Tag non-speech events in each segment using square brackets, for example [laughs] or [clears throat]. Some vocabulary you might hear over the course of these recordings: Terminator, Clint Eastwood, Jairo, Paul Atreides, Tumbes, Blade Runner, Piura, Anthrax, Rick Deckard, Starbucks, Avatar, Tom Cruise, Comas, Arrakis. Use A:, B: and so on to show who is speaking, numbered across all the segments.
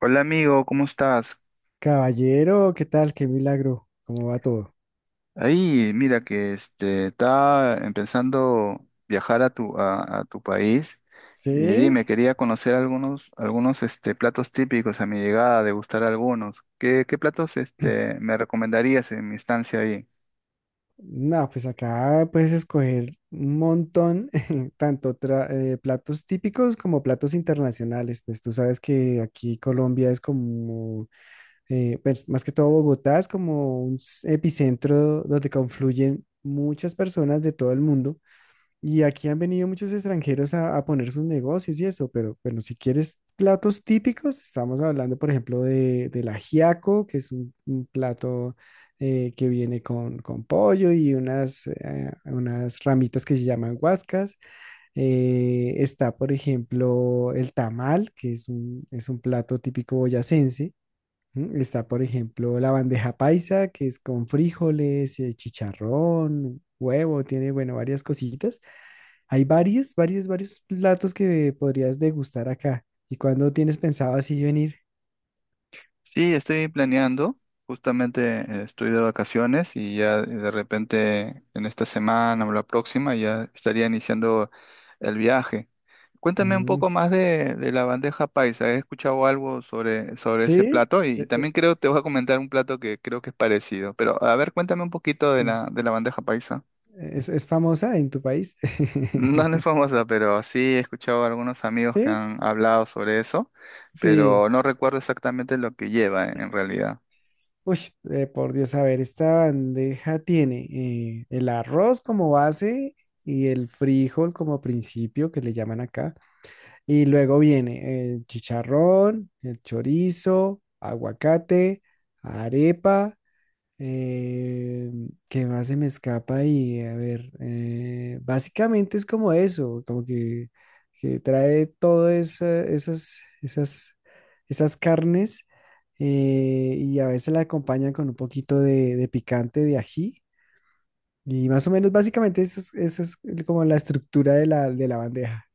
A: Hola amigo, ¿cómo estás?
B: Caballero, ¿qué tal? Qué milagro. ¿Cómo va todo?
A: Ahí, mira que está empezando viajar a a tu país y
B: ¿Sí?
A: dime, quería conocer algunos platos típicos a mi llegada, degustar algunos. ¿Qué platos
B: [clears throat]
A: me recomendarías en mi estancia ahí?
B: No, pues acá puedes escoger un montón, [laughs] tanto platos típicos como platos internacionales. Pues tú sabes que aquí Colombia es como, más que todo Bogotá es como un epicentro donde confluyen muchas personas de todo el mundo. Y aquí han venido muchos extranjeros a poner sus negocios y eso, pero bueno, si quieres platos típicos, estamos hablando, por ejemplo, del ajiaco, que es un plato que viene con pollo y unas, unas ramitas que se llaman guascas. Está, por ejemplo, el tamal, que es es un plato típico boyacense. Mm. Está, por ejemplo, la bandeja paisa, que es con frijoles, chicharrón, huevo, tiene, bueno, varias cositas. Hay varios platos que podrías degustar acá. ¿Y cuándo tienes pensado así venir?
A: Sí, estoy planeando, justamente estoy de vacaciones y ya de repente en esta semana o la próxima ya estaría iniciando el viaje. Cuéntame un poco
B: Mm,
A: más de la bandeja paisa. He escuchado algo sobre ese
B: ¿sí?
A: plato y,
B: Eh, eh,
A: también creo te voy a comentar un plato que creo que es parecido. Pero a ver, cuéntame un poquito de
B: mm,
A: la bandeja paisa. [laughs]
B: Es famosa en tu país?
A: No, no es
B: [laughs]
A: famosa, pero sí he escuchado a algunos amigos que
B: ¿Sí?
A: han hablado sobre eso,
B: Sí.
A: pero no recuerdo exactamente lo que lleva en realidad.
B: Uy, por Dios, a ver, esta bandeja tiene el arroz como base y el frijol como principio, que le llaman acá. Y luego viene el chicharrón, el chorizo, aguacate, arepa. eh, ¿Qué más se me escapa ahí? A ver, básicamente es como eso, como que trae todas esas, esas carnes y a veces la acompañan con un poquito de picante, de ají. Y más o menos, básicamente, eso es como la estructura de la bandeja.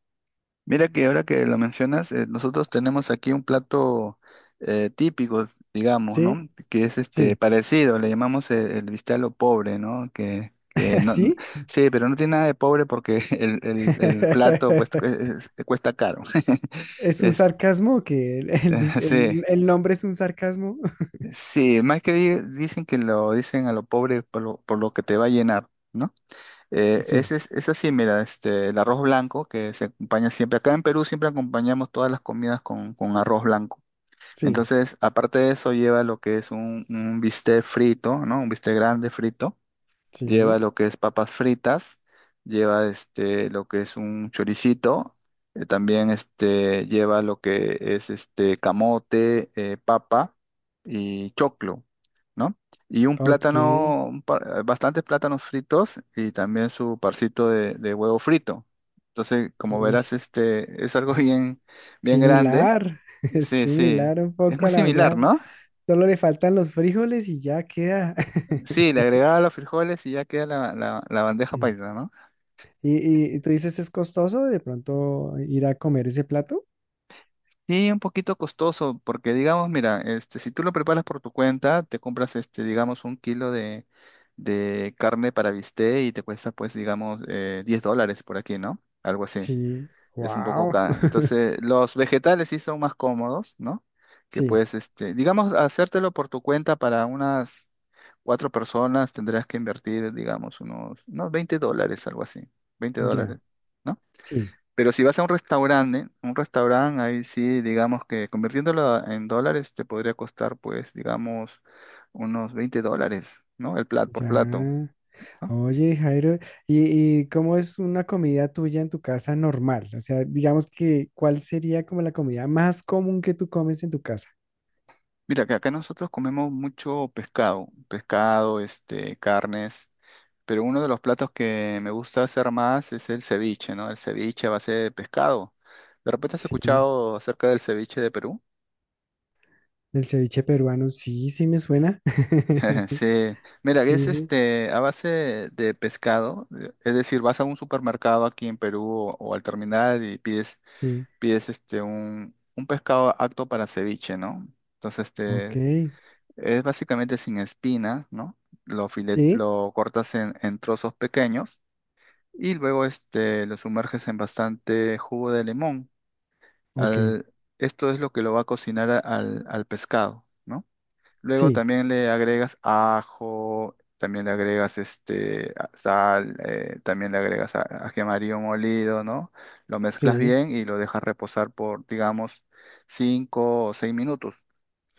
A: Mira que ahora que lo mencionas, nosotros tenemos aquí un plato típico, digamos,
B: ¿Sí?
A: ¿no? Que es
B: Sí.
A: parecido, le llamamos el bistec a lo pobre, ¿no? Que,
B: [laughs]
A: que no,
B: ¿Así?
A: sí, pero no tiene nada de pobre porque [laughs] el plato pues,
B: [laughs]
A: cuesta caro. [laughs]
B: ¿Es un
A: Es,
B: sarcasmo que
A: [laughs] sí,
B: el nombre es un sarcasmo? [laughs]
A: sí, más que dicen que lo dicen a lo pobre por lo que te va a llenar, ¿no? Eh,
B: Sí,
A: ese es así, mira, el arroz blanco que se acompaña siempre. Acá en Perú siempre acompañamos todas las comidas con arroz blanco.
B: sí,
A: Entonces, aparte de eso, lleva lo que es un bistec frito, ¿no? Un bistec grande frito lleva
B: sí.
A: lo que es papas fritas, lleva lo que es un choricito, también lleva lo que es camote, papa y choclo, ¿no? Y un
B: Ok.
A: plátano, bastantes plátanos fritos y también su parcito de huevo frito. Entonces, como
B: Uy,
A: verás, este es algo [laughs]
B: es
A: bien, bien grande.
B: similar. [laughs] Es
A: Sí, sí.
B: similar un
A: Es
B: poco
A: muy
B: a la
A: similar,
B: bandeja.
A: ¿no?
B: Solo le faltan los frijoles y ya queda. [laughs]
A: Sí, le agregaba los frijoles y ya queda la bandeja
B: Mm.
A: paisa, ¿no?
B: ¿Y, y tú dices, es costoso de pronto ir a comer ese plato?
A: Sí, un poquito costoso, porque digamos, mira, si tú lo preparas por tu cuenta, te compras, digamos, un kilo de carne para bistec y te cuesta, pues, digamos, $10 por aquí, ¿no? Algo así.
B: Sí,
A: Es un poco
B: wow.
A: caro. Entonces,
B: [laughs]
A: los vegetales sí son más cómodos, ¿no? Que
B: Sí,
A: puedes, digamos, hacértelo por tu cuenta para unas cuatro personas tendrás que invertir, digamos, unos $20, algo así. Veinte
B: ya,
A: dólares, ¿no?
B: sí,
A: Pero si vas a un restaurante, ahí sí, digamos que convirtiéndolo en dólares te podría costar, pues, digamos, unos $20, ¿no? El plato por plato,
B: ya.
A: ¿no?
B: Oye, Jairo, y cómo es una comida tuya en tu casa normal? O sea, digamos que, ¿cuál sería como la comida más común que tú comes en tu casa?
A: Mira, que acá nosotros comemos mucho pescado, pescado, carnes, pero uno de los platos que me gusta hacer más es el ceviche, ¿no? El ceviche a base de pescado. ¿De repente has
B: Sí,
A: escuchado acerca del ceviche de Perú?
B: el ceviche peruano, sí, sí me suena.
A: [laughs]
B: [laughs]
A: Sí, mira, es
B: Sí, sí,
A: a base de pescado, es decir, vas a un supermercado aquí en Perú o al terminal y pides,
B: sí,
A: pides un pescado apto para ceviche, ¿no? Entonces,
B: ok,
A: es básicamente sin espinas, ¿no? Lo filet,
B: sí,
A: lo cortas en trozos pequeños y luego lo sumerges en bastante jugo de limón.
B: ok,
A: Al- esto es lo que lo va a cocinar al pescado, ¿no? Luego
B: sí,
A: también le agregas ajo, también le agregas sal, también le agregas ají amarillo molido, ¿no? Lo mezclas
B: sí,
A: bien y lo dejas reposar por, digamos, 5 o 6 minutos.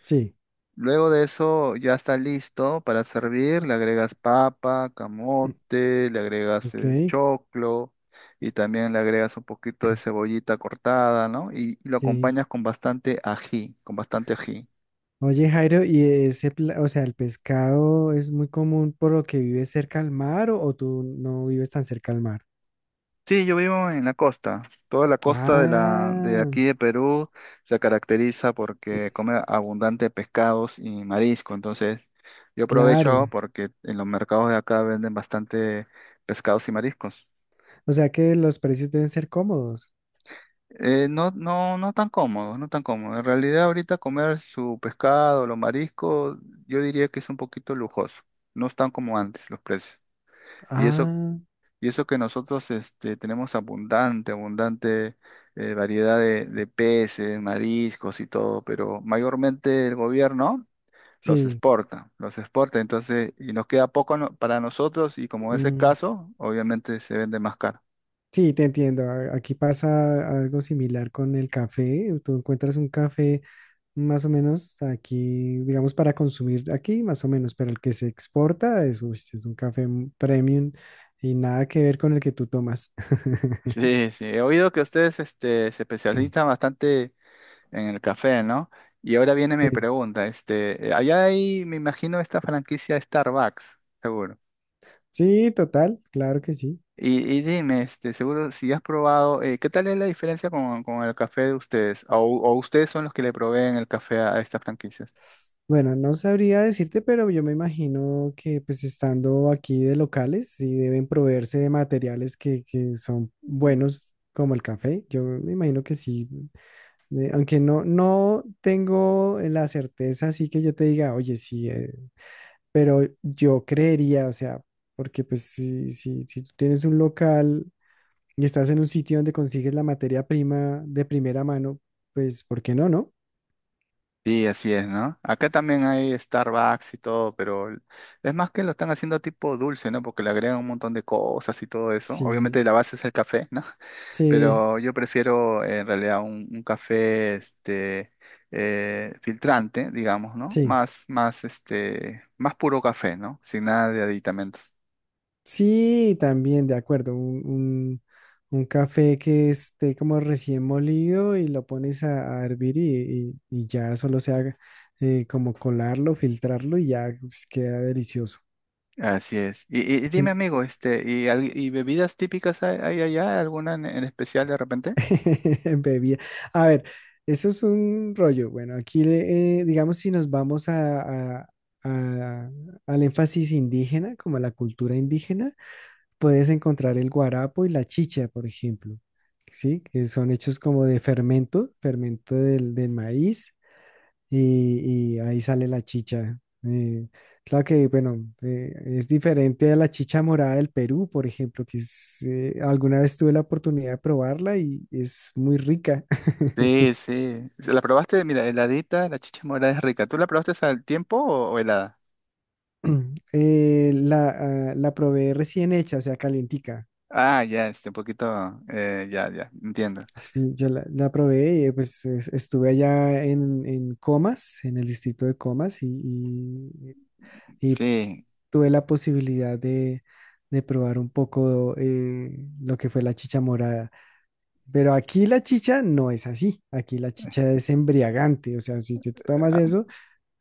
B: sí,
A: Luego de eso ya está listo para servir. Le agregas papa, camote, le
B: [clears throat]
A: agregas
B: ok,
A: choclo y también le agregas un poquito de cebollita cortada, ¿no? Y lo
B: sí.
A: acompañas con bastante ají, con bastante ají.
B: Oye, Jairo, ¿y ese, o sea, el pescado es muy común por lo que vives cerca al mar o tú no vives tan cerca al mar?
A: Sí, yo vivo en la costa. Toda la costa de la de
B: Ah,
A: aquí de Perú se caracteriza porque come abundante pescados y marisco. Entonces, yo aprovecho
B: claro.
A: porque en los mercados de acá venden bastante pescados y mariscos.
B: O sea que los precios deben ser cómodos.
A: No, no, no tan cómodo, no tan cómodo. En realidad, ahorita comer su pescado, los mariscos, yo diría que es un poquito lujoso. No están como antes los precios. Y eso.
B: Ah,
A: Y eso que nosotros tenemos abundante, abundante variedad de peces, mariscos y todo, pero mayormente el gobierno
B: sí.
A: los exporta, entonces, y nos queda poco para nosotros y como es
B: Mm,
A: escaso, obviamente se vende más caro. [laughs]
B: sí, te entiendo. Aquí pasa algo similar con el café. Tú encuentras un café más o menos aquí, digamos, para consumir aquí, más o menos, pero el que se exporta es, uy, sí, es un café premium y nada que ver con el que tú tomas. [laughs]
A: Sí, sí, he oído que ustedes se especializan bastante en el café, ¿no? Y ahora viene mi
B: Sí,
A: pregunta, allá hay, me imagino, esta franquicia Starbucks, seguro.
B: sí, total, claro que sí.
A: Y dime, seguro si has probado, ¿qué tal es la diferencia con el café de ustedes? O ustedes son los que le proveen el café a estas franquicias?
B: Bueno, no sabría decirte, pero yo me imagino que pues estando aquí de locales, sí deben proveerse de materiales que son
A: Mm.
B: buenos como el café. Yo me imagino que sí, aunque no, no tengo la certeza, así que yo te diga, oye, sí, pero yo creería, o sea, porque pues si tú tienes un local y estás en un sitio donde consigues la materia prima de primera mano, pues ¿por qué no, no?
A: Sí, así es, ¿no? Acá también hay Starbucks y todo, pero es más que lo están haciendo tipo dulce, ¿no? Porque le agregan un montón de cosas y todo eso.
B: Sí,
A: Obviamente la base es el café, ¿no? [laughs]
B: sí,
A: Pero yo prefiero en realidad un café filtrante, digamos, ¿no?
B: sí.
A: Más puro café, ¿no? Sin nada de aditamentos.
B: Sí, también, de acuerdo. Un café que esté como recién molido y lo pones a hervir y, y ya solo se haga como colarlo, filtrarlo y ya pues, queda delicioso.
A: Así es. Y dime,
B: Sin
A: amigo, ¿y, y bebidas típicas hay, hay allá? ¿Alguna en especial de repente?
B: [laughs] bebida. A ver, eso es un rollo. Bueno, aquí digamos si nos vamos a- a- al énfasis indígena, como a la cultura indígena. Puedes encontrar el guarapo y la chicha, por ejemplo, ¿sí? Que son hechos como de fermento, del, del maíz, y ahí sale la chicha. Eh, claro que, bueno, es diferente a la chicha morada del Perú, por ejemplo, que es, alguna vez tuve la oportunidad de probarla y es muy rica.
A: Sí,
B: [clears throat]
A: sí. ¿La probaste? Mira, heladita, la chicha morada es rica. ¿Tú la probaste al tiempo o helada?
B: Eh, la, la probé recién hecha, o sea, calientica.
A: Ah, ya, un poquito, ya, ya, entiendo.
B: Sí, yo la probé y pues estuve allá en Comas, en el distrito de Comas, y, y
A: Sí.
B: tuve la posibilidad de probar un poco lo que fue la chicha morada. Pero aquí la chicha no es así, aquí la chicha es embriagante, o sea, si tú tomas
A: Ah,
B: eso,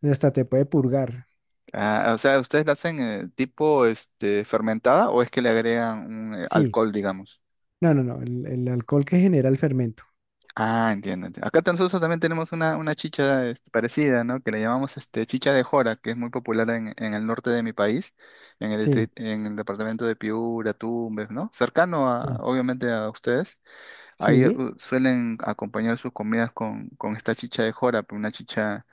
B: hasta te puede purgar.
A: ah, o sea, ¿ustedes la hacen tipo, fermentada o es que le agregan un
B: Sí,
A: alcohol, digamos?
B: no, no, no, el alcohol que genera el fermento.
A: Ah, entiendo, entiendo. Acá nosotros también tenemos una chicha parecida, ¿no? Que le llamamos chicha de jora, que es muy popular en el norte de mi país, en el
B: Sí,
A: distrito, en el departamento de Piura, Tumbes, ¿no? Cercano a,
B: sí,
A: obviamente a ustedes. Ahí
B: sí.
A: suelen acompañar sus comidas con esta chicha de jora, pues, una chicha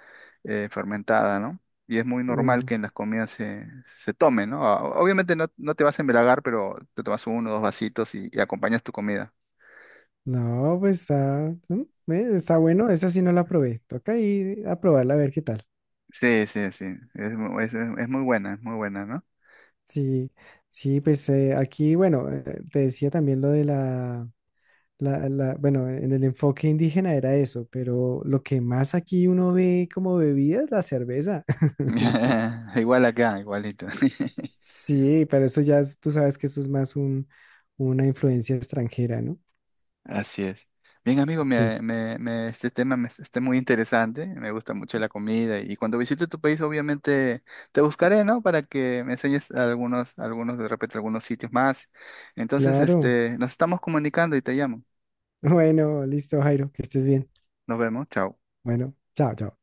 A: fermentada, ¿no? Y es muy normal que en las comidas se tome, ¿no? Ah, obviamente no, no te vas a embriagar, pero te tomas uno o dos vasitos y acompañas tu comida.
B: No, pues está, mm, está bueno, esa sí no la probé. Toca ir a probarla a ver qué tal.
A: Sí, sí, sí. Es, es muy buena, ¿no?
B: Sí, sí, pues aquí, bueno, te decía también lo la- bueno, en el enfoque indígena era eso, pero lo que más aquí uno ve como bebida es la cerveza. [laughs]
A: [laughs] Igual acá, igualito. [laughs]
B: Sí, pero eso ya, es- tú sabes que eso es más un, una influencia extranjera, ¿no?
A: Así es. Bien, amigo,
B: Sí,
A: este tema me está muy interesante. Me gusta mucho la comida. Y cuando visite tu país, obviamente te buscaré, ¿no? Para que me enseñes algunos, algunos, de repente, algunos sitios más. Entonces,
B: claro.
A: nos estamos comunicando y te llamo.
B: [laughs] Bueno, listo, Jairo, que estés bien.
A: Nos vemos. Chao.
B: Bueno, chao, chao.